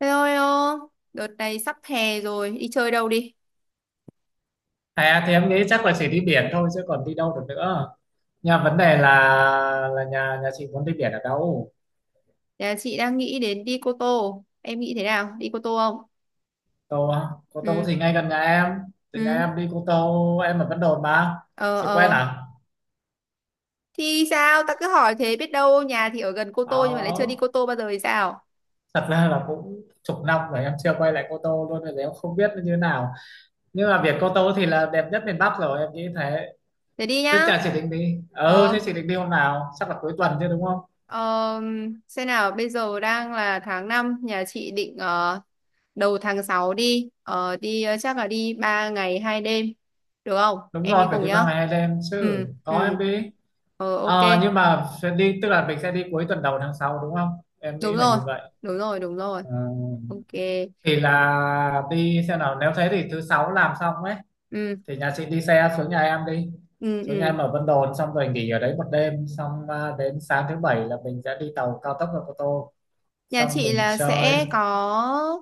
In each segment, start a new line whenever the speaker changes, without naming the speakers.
Thế thôi ô, đợt này sắp hè rồi, đi chơi đâu đi?
À thì em nghĩ chắc là chỉ đi biển thôi, chứ còn đi đâu được nữa. Nhà vấn đề là nhà nhà chị muốn đi biển ở đâu?
Nhà chị đang nghĩ đến đi Cô Tô, em nghĩ thế nào? Đi Cô Tô không?
Tô á? Cô Tô
Ừ,
thì ngay gần nhà em. Từ nhà
ừ,
em đi Cô Tô, em ở Vân Đồn mà.
ờ,
Chị quen
ờ.
à?
Thì sao, ta cứ hỏi thế biết đâu nhà thì ở gần Cô Tô nhưng mà lại chưa đi
Đó.
Cô Tô bao giờ thì sao?
Thật ra là cũng chục năm rồi em chưa quay lại Cô Tô luôn rồi, em không biết nó như thế nào. Nhưng mà biển Cô Tô thì là đẹp nhất miền Bắc rồi, em nghĩ thế.
Thế đi
Thế
nhá.
chả chị định đi. Ừ,
Ờ,
thế chị định đi hôm nào? Chắc là cuối tuần chứ, đúng không?
ờ, xem nào, bây giờ đang là tháng năm, nhà chị định đầu tháng 6 đi, chắc là đi 3 ngày 2 đêm, được không?
Đúng
Em
rồi,
đi
phải
cùng
đi ba
nhá.
ngày hai đêm chứ.
Ừ,
Có
ừ.
em đi.
Ờ, ok.
Ờ, nhưng mà sẽ đi, tức là mình sẽ đi cuối tuần đầu tháng 6 đúng không? Em
Đúng
nghĩ là
rồi,
như vậy.
đúng rồi, đúng rồi.
Ờ,
Ok.
thì là đi, xem nào, nếu thế thì thứ sáu làm xong ấy
Ừ,
thì nhà chị đi xe xuống nhà em đi.
ừ,
Xuống nhà
ừ.
em ở Vân Đồn xong rồi nghỉ ở đấy một đêm xong đến sáng thứ bảy là mình sẽ đi tàu cao tốc ra Cô Tô,
Nhà
xong
chị
mình
là
chơi.
sẽ có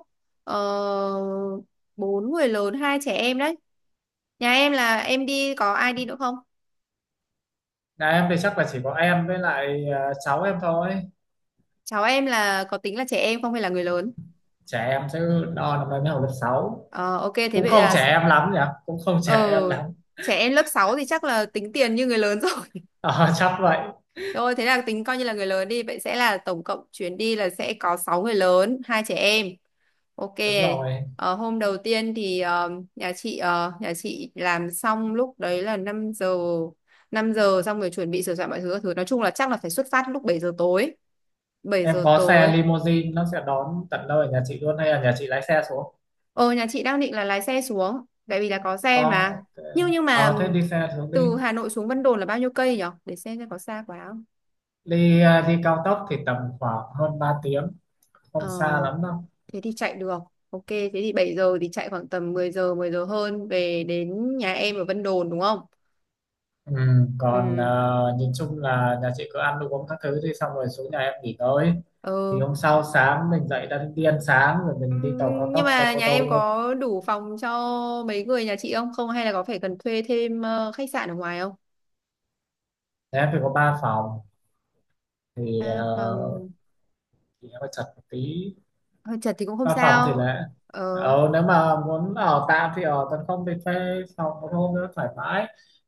uh, bốn người lớn, hai trẻ em đấy. Nhà em là em đi có ai đi nữa không?
Nhà em thì chắc là chỉ có em với lại cháu em thôi.
Cháu em là có tính là trẻ em không hay là người lớn?
Trẻ em chứ, đo năm nay mới học lớp sáu.
Ờ, ok, thế
Cũng
vậy
không
là.
trẻ em lắm nhỉ, cũng không trẻ
Ờ,
em lắm.
trẻ em lớp 6 thì chắc là tính tiền như người lớn rồi.
Ờ, chắc vậy.
Rồi thế là tính coi như là người lớn đi, vậy sẽ là tổng cộng chuyến đi là sẽ có 6 người lớn, hai trẻ em. Ok.
Đúng rồi.
Ờ, hôm đầu tiên thì nhà chị nhà chị làm xong lúc đấy là năm giờ, xong rồi chuẩn bị sửa soạn mọi thứ các thứ, nói chung là chắc là phải xuất phát lúc bảy giờ tối bảy
Em
giờ
có xe
tối
limousine, nó sẽ đón tận nơi ở nhà chị luôn hay là nhà chị lái xe xuống?
Ờ, nhà chị đang định là lái xe xuống tại vì là có xe
Có,
mà.
ok.
Nhưng mà
Ờ, thế đi xe xuống đi.
từ Hà Nội xuống Vân Đồn là bao nhiêu cây nhỉ, để xem có xa quá không.
Đi cao tốc thì tầm khoảng hơn 3 tiếng,
Ờ,
không xa lắm đâu.
thế thì chạy được. Ok, thế thì 7 giờ thì chạy khoảng tầm mười giờ hơn về đến nhà em ở Vân Đồn đúng không?
Ừ, còn
Ừ.
nhìn chung là nhà chị cứ ăn đồ uống các thứ đi xong rồi xuống nhà em nghỉ tới,
Ờ.
thì hôm sau sáng mình dậy đã, đi ăn sáng rồi mình đi tàu cao
Nhưng
tốc ra
mà
Cô
nhà
Tô
em
luôn.
có đủ phòng cho mấy người nhà chị không? Không hay là có phải cần thuê thêm khách sạn ở ngoài không?
Thế em phải có ba phòng thì
À,
uh,
phòng
thì em phải chật một tí.
hơi chật thì cũng không
Văn phòng thì
sao.
là,
Ờ,
ờ, nếu mà muốn ở tạm thì ở tấn, không thì thuê phòng một hôm nữa thoải mái,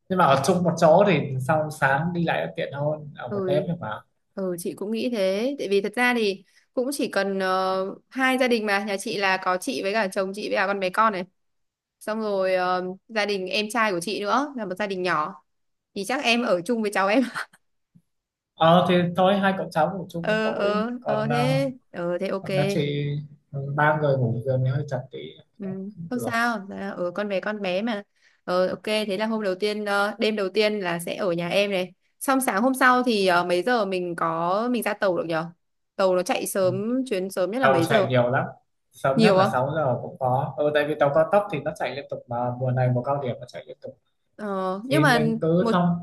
nhưng mà ở chung một chỗ thì sau sáng đi lại tiện hơn ở một đêm.
ừ,
Nhưng mà
ừ, chị cũng nghĩ thế. Tại vì thật ra thì cũng chỉ cần hai gia đình mà. Nhà chị là có chị với cả chồng chị với cả con bé con này. Xong rồi gia đình em trai của chị nữa là một gia đình nhỏ. Thì chắc em ở chung với cháu em.
ờ, thì thôi hai cậu cháu ngủ chung một
Ờ,
tối,
ờ, ờ
còn ờ,
thế. Ờ, thế ok.
còn đã chị, ừ, ba người ngủ giường thì hơi chật tí.
Ừ,
Cũng
không
được.
sao. Dạ, ừ, con bé mà. Ờ, ok, thế là hôm đầu tiên, đêm đầu tiên là sẽ ở nhà em này, xong sáng hôm sau thì mấy giờ mình ra tàu được nhở? Tàu nó chạy
Ừ.
sớm, chuyến sớm nhất là
Tàu
mấy
chạy
giờ?
nhiều lắm, sớm nhất
Nhiều
là
không?
6 giờ cũng có, ừ, tại vì tàu cao tốc thì nó chạy liên tục mà, mùa này mùa cao điểm nó chạy liên tục
Ờ, nhưng
thì
mà
mình cứ
một
thông.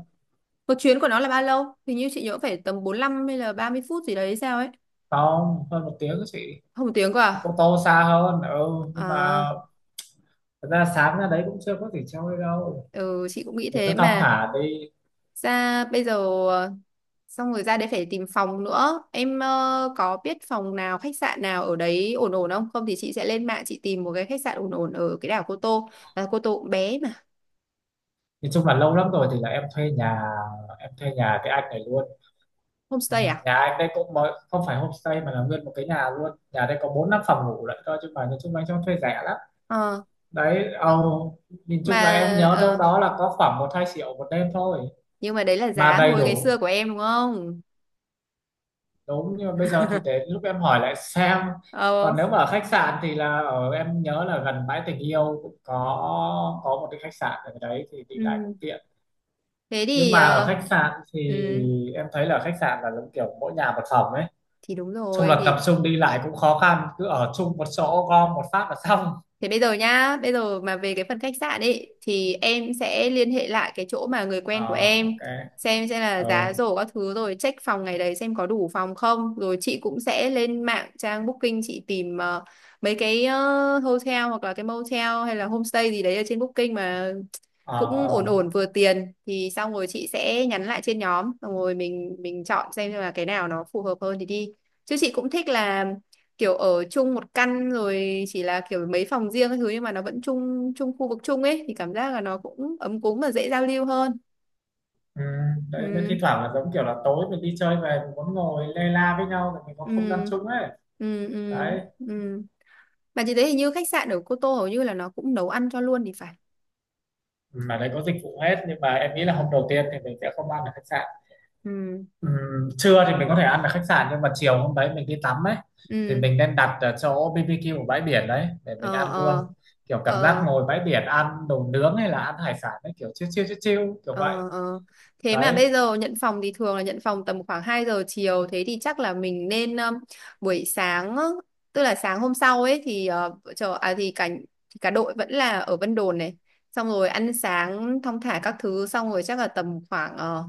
một chuyến của nó là bao lâu? Hình như chị nhớ phải tầm 45 hay là 30 phút gì đấy hay sao ấy.
Không, hơn một tiếng chị.
Không một tiếng cơ à,
Cô Tô xa hơn. Ừ, nhưng mà
à,
thật ra sáng ra đấy cũng chưa có gì chơi đâu,
ừ, chị cũng nghĩ
mình
thế
cứ thong
mà.
thả đi.
Ra bây giờ ờ, xong rồi ra đấy phải tìm phòng nữa. Em có biết phòng nào khách sạn nào ở đấy ổn ổn không? Không thì chị sẽ lên mạng chị tìm một cái khách sạn ổn ổn ở cái đảo Cô Tô. À, Cô Tô cũng bé mà.
Nói chung là lâu lắm rồi, thì là em thuê nhà, em thuê nhà cái anh này luôn. Ừ,
Homestay à.
nhà anh đây cũng mới, không phải homestay mà là nguyên một cái nhà luôn. Nhà đây có bốn năm phòng ngủ lại thôi chứ, mà nói chung là anh cho thuê rẻ lắm.
ờ
Đấy. Ồ, nhìn
mà
chung là em nhớ đâu
ờ,
đó là có khoảng một hai triệu một đêm thôi
nhưng mà đấy là
mà
giá
đầy
hồi ngày
đủ.
xưa của em đúng không?
Đúng, nhưng mà bây giờ thì đến lúc em hỏi lại xem.
Ờ.
Còn nếu mà ở khách sạn thì là ở, em nhớ là gần bãi tình yêu cũng có một cái khách sạn ở đấy thì đi lại cũng
Ừ.
tiện.
Thế
Nhưng
thì
mà ở
ờ,
khách sạn thì
ừ,
em thấy là khách sạn là giống kiểu mỗi nhà một phòng ấy,
thì đúng
chung
rồi
là tập
thì.
trung đi lại cũng khó khăn, cứ ở chung một chỗ gom một phát là xong.
Thế bây giờ nhá, bây giờ mà về cái phần khách sạn ấy thì em sẽ liên hệ lại cái chỗ mà người
Ờ,
quen của em,
ok.
xem là
Ờ,
giá rổ các thứ rồi check phòng ngày đấy xem có đủ phòng không. Rồi chị cũng sẽ lên mạng, trang Booking chị tìm mấy cái hotel hoặc là cái motel hay là homestay gì đấy ở trên Booking mà
ờ,
cũng ổn
ờ,
ổn vừa tiền, thì xong rồi chị sẽ nhắn lại trên nhóm, xong rồi mình chọn xem là cái nào nó phù hợp hơn thì đi. Chứ chị cũng thích là kiểu ở chung một căn rồi, chỉ là kiểu mấy phòng riêng các thứ nhưng mà nó vẫn chung chung khu vực chung ấy, thì cảm giác là nó cũng ấm cúng và dễ giao lưu hơn.
ừ. Đấy, mới thi
Ừ,
thoảng là giống kiểu là tối mình đi chơi về mình muốn ngồi lê la với nhau để mình có không gian
ừ,
chung ấy.
ừ, ừ,
Đấy.
ừ. Mà chị thấy hình như khách sạn ở Cô Tô hầu như là nó cũng nấu ăn cho luôn thì phải.
Mà đấy có dịch vụ hết, nhưng mà em nghĩ là hôm đầu tiên thì mình sẽ không ăn ở khách sạn.
Ừ,
Trưa thì mình có thể ăn ở khách sạn, nhưng mà chiều hôm đấy mình đi tắm ấy thì
ừ,
mình nên đặt ở chỗ BBQ ở bãi biển đấy để mình
ờ,
ăn luôn.
ờ,
Kiểu cảm giác
ờ.
ngồi bãi biển ăn đồ nướng hay là ăn hải sản ấy, kiểu chill chill chill chill kiểu vậy.
Ờ, ờ. Thế mà
Đấy.
bây giờ nhận phòng thì thường là nhận phòng tầm khoảng 2 giờ chiều, thế thì chắc là mình nên buổi sáng á, tức là sáng hôm sau ấy thì ờ, vợ chờ à thì cả đội vẫn là ở Vân Đồn này, xong rồi ăn sáng thong thả các thứ, xong rồi chắc là tầm khoảng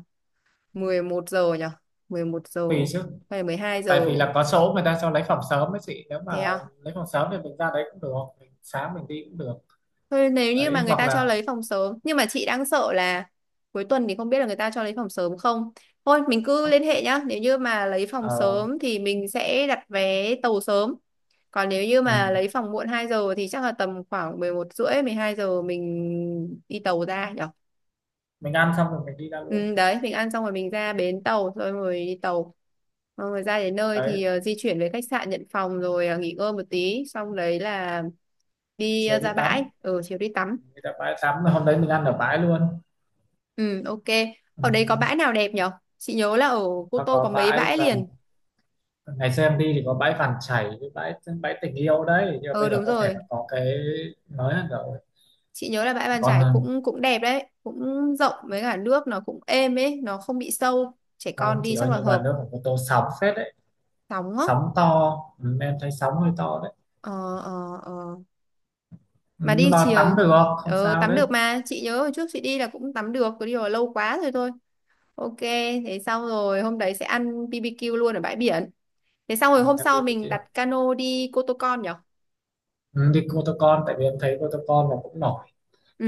11 giờ nhỉ. Mười một giờ
Tùy chứ,
hay 12
tại
giờ?
vì là có số người ta cho lấy phòng sớm ấy chị, nếu mà
Thế à?
lấy phòng sớm thì mình ra đấy cũng được, mình sáng mình đi cũng được.
Thôi nếu như mà
Đấy,
người
hoặc
ta
là,
cho lấy phòng sớm, nhưng mà chị đang sợ là cuối tuần thì không biết là người ta cho lấy phòng sớm không. Thôi mình cứ liên hệ nhá. Nếu như mà lấy phòng
ờ,
sớm thì mình sẽ đặt vé tàu sớm. Còn nếu như mà
ừm,
lấy phòng muộn 2 giờ thì chắc là tầm khoảng 11 rưỡi, 12 giờ mình đi tàu ra nhở.
mình ăn xong rồi mình đi ra luôn.
Ừ, đấy, mình ăn xong rồi mình ra bến tàu, Rồi rồi đi tàu, xong rồi ra đến nơi
Đấy,
thì di chuyển về khách sạn nhận phòng, rồi nghỉ ngơi một tí, xong đấy là đi
chiều đi
ra
tắm,
bãi. Ừ, chiều đi tắm.
người ta bãi tắm hôm đấy mình ăn ở bãi luôn.
Ừ, ok.
Ừ.
Ở đấy có bãi nào đẹp nhở? Chị nhớ là ở Cô
Nó
Tô có
có
mấy
bãi
bãi
và
liền.
ngày xưa em đi thì có bãi Vàng Chảy với bãi bãi tình yêu đấy, nhưng mà
Ờ,
bây giờ
đúng
có thể nó
rồi.
có cái mới hơn rồi.
Chị nhớ là bãi Bàn Chải
Còn
cũng cũng đẹp đấy, cũng rộng với cả nước nó cũng êm ấy, nó không bị sâu. Trẻ con
không
đi
chỉ
chắc
ơi
là
như bà
hợp.
nước của tô sóng phết đấy.
Sóng á.
Sóng to, ừ, em thấy sóng hơi to đấy.
Ờ, ờ, ờ.
Ừ,
Mà
nhưng
đi
mà
chiều
tắm được, không sao
tắm
đấy.
được mà, chị nhớ hồi trước chị đi là cũng tắm được, cứ đi là lâu quá rồi thôi. Ok, thế xong rồi hôm đấy sẽ ăn BBQ luôn ở bãi biển. Thế xong rồi
Ừ,
hôm
em đi
sau
đi
mình
kia,
đặt cano đi Cô Tô Con nhở?
ừ, đi Cô Tô Con, tại vì em thấy Cô Tô Con nó cũng nổi.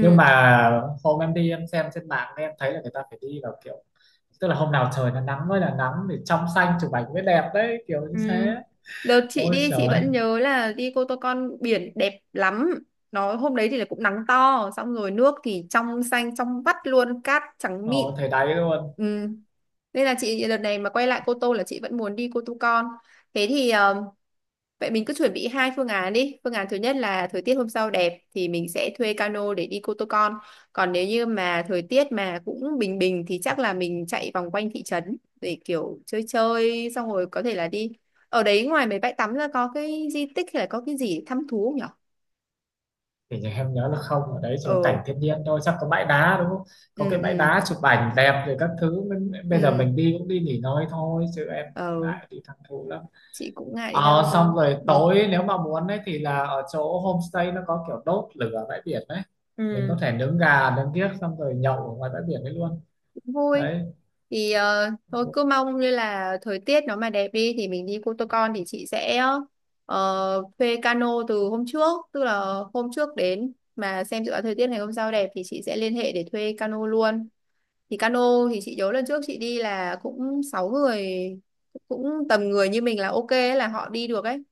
Nhưng mà hôm em đi em xem trên mạng em thấy là người ta phải đi vào kiểu, tức là hôm nào trời nó nắng mới là nắng thì trong xanh chụp ảnh mới đẹp đấy, kiểu như
Ừ.
thế.
Đợt chị
Ôi
đi chị
trời.
vẫn nhớ là đi Cô Tô Con biển đẹp lắm. Nó hôm đấy thì là cũng nắng to, xong rồi nước thì trong xanh trong vắt luôn, cát trắng mịn.
Ồ thời đấy luôn.
Ừ. Nên là chị đợt này mà quay lại Cô Tô là chị vẫn muốn đi Cô Tô Con. Thế thì vậy mình cứ chuẩn bị hai phương án đi. Phương án thứ nhất là thời tiết hôm sau đẹp thì mình sẽ thuê cano để đi Cô Tô Con. Còn nếu như mà thời tiết mà cũng bình bình thì chắc là mình chạy vòng quanh thị trấn để kiểu chơi chơi, xong rồi có thể là đi. Ở đấy ngoài mấy bãi tắm ra có cái di tích hay là có cái gì để thăm thú không nhở?
Thì nhà em nhớ là không, ở đấy chỉ có
Ờ,
cảnh thiên nhiên thôi, chắc có bãi đá đúng không, có
ừ,
cái bãi
ừ,
đá chụp ảnh đẹp rồi các thứ. Mình- bây giờ
ừ,
mình đi cũng đi nghỉ ngơi thôi chứ em cũng
ờ,
ngại đi thẳng thú lắm.
chị cũng ngại đi thăm
Ờ,
thú.
xong rồi
Ừ.
tối nếu mà muốn ấy thì là ở chỗ homestay nó có kiểu đốt lửa bãi biển đấy, mình
Ừ.
có thể nướng gà nướng kiếc xong rồi nhậu ở ngoài bãi biển đấy luôn.
Vui.
Đấy.
Thì thôi cứ mong như là thời tiết nó mà đẹp đi thì mình đi Cô Tô Con, thì chị sẽ thuê cano từ hôm trước, tức là hôm trước đến mà xem dự báo thời tiết ngày hôm sau đẹp thì chị sẽ liên hệ để thuê cano luôn. Thì cano thì chị nhớ lần trước chị đi là cũng sáu người, cũng tầm người như mình là ok ấy, là họ đi được ấy.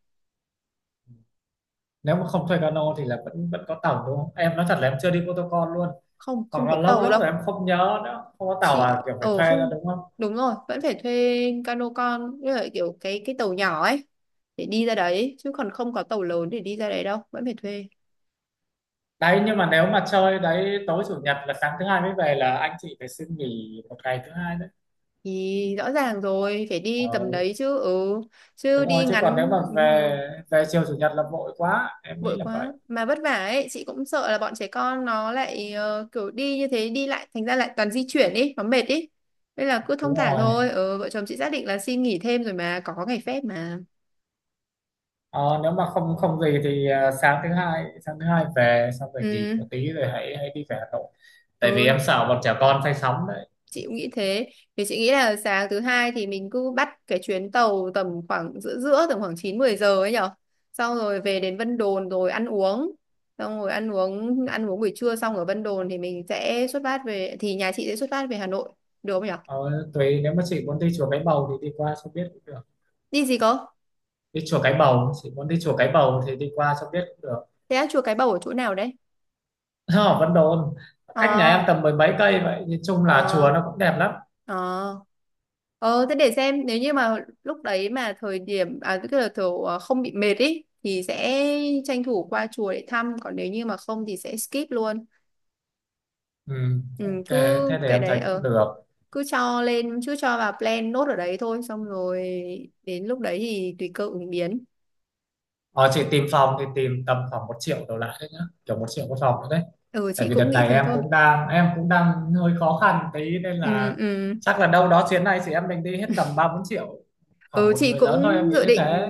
Nếu mà không thuê cano thì là vẫn vẫn có tàu đúng không? Em nói thật là em chưa đi Cô Tô Con luôn,
Không,
hoặc
không
là
có
lâu
tàu
lắm
đâu
rồi em không nhớ nữa. Không có tàu
chị.
là kiểu phải
Ờ
thuê ra
Không,
đúng không?
đúng rồi, vẫn phải thuê cano con, như là kiểu cái tàu nhỏ ấy để đi ra đấy, chứ còn không có tàu lớn để đi ra đấy đâu, vẫn phải thuê.
Đấy, nhưng mà nếu mà chơi đấy tối chủ nhật là sáng thứ hai mới về, là anh chị phải xin nghỉ một ngày thứ hai đấy.
Thì rõ ràng rồi, phải đi tầm
Ờ,
đấy chứ. Ừ, chứ
đúng rồi,
đi
chứ còn nếu
ngắn
mà
đúng rồi,
về, về chiều chủ nhật là vội quá, em nghĩ
vội
là
quá
vậy.
mà vất vả ấy. Chị cũng sợ là bọn trẻ con nó lại kiểu đi như thế, đi lại thành ra lại toàn di chuyển ý, nó mệt ý. Nên là cứ thong
Đúng
thả
rồi.
thôi. Ừ, vợ chồng chị xác định là xin nghỉ thêm rồi mà, có ngày phép mà.
Ờ, nếu mà không không gì thì sáng thứ hai, sáng thứ hai về xong rồi nghỉ
Ừ,
một tí rồi hãy hãy đi về Hà Nội, tại vì
ừ,
em sợ bọn trẻ con say sóng đấy.
chị cũng nghĩ thế. Thì chị nghĩ là sáng thứ hai thì mình cứ bắt cái chuyến tàu tầm khoảng giữa giữa tầm khoảng 9 10 giờ ấy nhở, xong rồi về đến Vân Đồn rồi ăn uống, xong rồi ăn uống buổi trưa xong ở Vân Đồn thì mình sẽ xuất phát về, thì nhà chị sẽ xuất phát về Hà Nội, được không nhở?
Ờ, tùy, nếu mà chị muốn đi chùa Cái Bầu thì đi qua cho biết cũng được.
Đi gì cơ?
Đi chùa Cái Bầu, chị muốn đi chùa Cái Bầu thì đi qua cho biết cũng được.
Thế á, chùa Cái Bầu ở chỗ nào đấy?
Ở Vân Đồn, cách nhà em
À.
tầm mười mấy cây vậy, nhìn chung là
Ờ,
chùa nó cũng đẹp lắm.
ờ, ờ thế để xem, nếu như mà lúc đấy mà thời điểm à, tức là kiểu không bị mệt ý thì sẽ tranh thủ qua chùa để thăm, còn nếu như mà không thì sẽ skip luôn.
Ừ,
Ừ,
ok,
cứ
thế thì
cái
em
đấy
thấy cũng
ờ,
được.
cứ cho lên, cứ cho vào plan nốt ở đấy thôi, xong rồi đến lúc đấy thì tùy cơ ứng biến.
Ờ, chị tìm phòng thì tìm tầm khoảng một triệu đổ lại đấy nhá, kiểu một triệu một phòng nữa đấy.
Ừ,
Tại
chị
vì đợt
cũng nghĩ
này
thế
em
thôi.
cũng đang, em cũng đang hơi khó khăn tí nên
Ừ,
là
ừ.
chắc là đâu đó chuyến này chị em mình đi hết tầm ba bốn triệu khoảng
Ừ,
một
chị
người lớn thôi, em
cũng
nghĩ
dự
như
định
thế.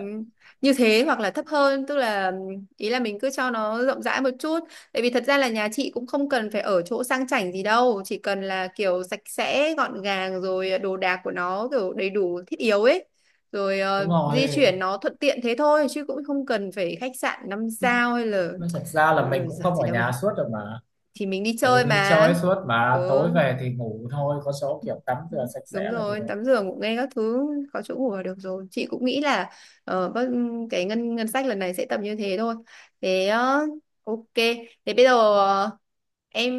như thế, hoặc là thấp hơn. Tức là ý là mình cứ cho nó rộng rãi một chút, tại vì thật ra là nhà chị cũng không cần phải ở chỗ sang chảnh gì đâu, chỉ cần là kiểu sạch sẽ gọn gàng rồi đồ đạc của nó kiểu đầy đủ thiết yếu ấy, rồi
Đúng rồi.
di chuyển nó thuận tiện thế thôi, chứ cũng không cần phải khách sạn năm sao hay là.
Nói thật ra là mình
Ừ,
cũng
giật
không
gì
ở
đâu mà,
nhà suốt rồi mà,
thì mình đi
tại vì
chơi
mình đi
mà.
chơi suốt mà
Ừ,
tối về thì ngủ thôi, có số kiểu tắm rửa sạch
đúng
sẽ là được
rồi,
rồi.
tắm giường cũng nghe các thứ, có chỗ ngủ là được rồi. Chị cũng nghĩ là ờ, bất- cái ngân ngân sách lần này sẽ tầm như thế thôi. Thế ok. Thế bây giờ em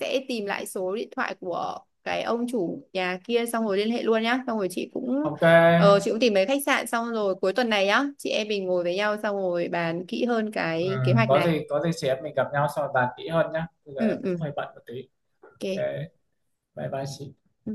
sẽ tìm lại số điện thoại của cái ông chủ nhà kia xong rồi liên hệ luôn nhá. Xong rồi chị cũng
Ok.
chị cũng tìm mấy khách sạn, xong rồi cuối tuần này nhá, chị em mình ngồi với nhau xong rồi bàn kỹ hơn
Ừ,
cái kế hoạch
có
này.
gì có gì chị em mình gặp nhau sau bàn kỹ hơn nhá, bây giờ em
Ừ,
cũng
ừ.
hơi bận một tí. Ok,
Ok.
bye bye chị.
Ừ.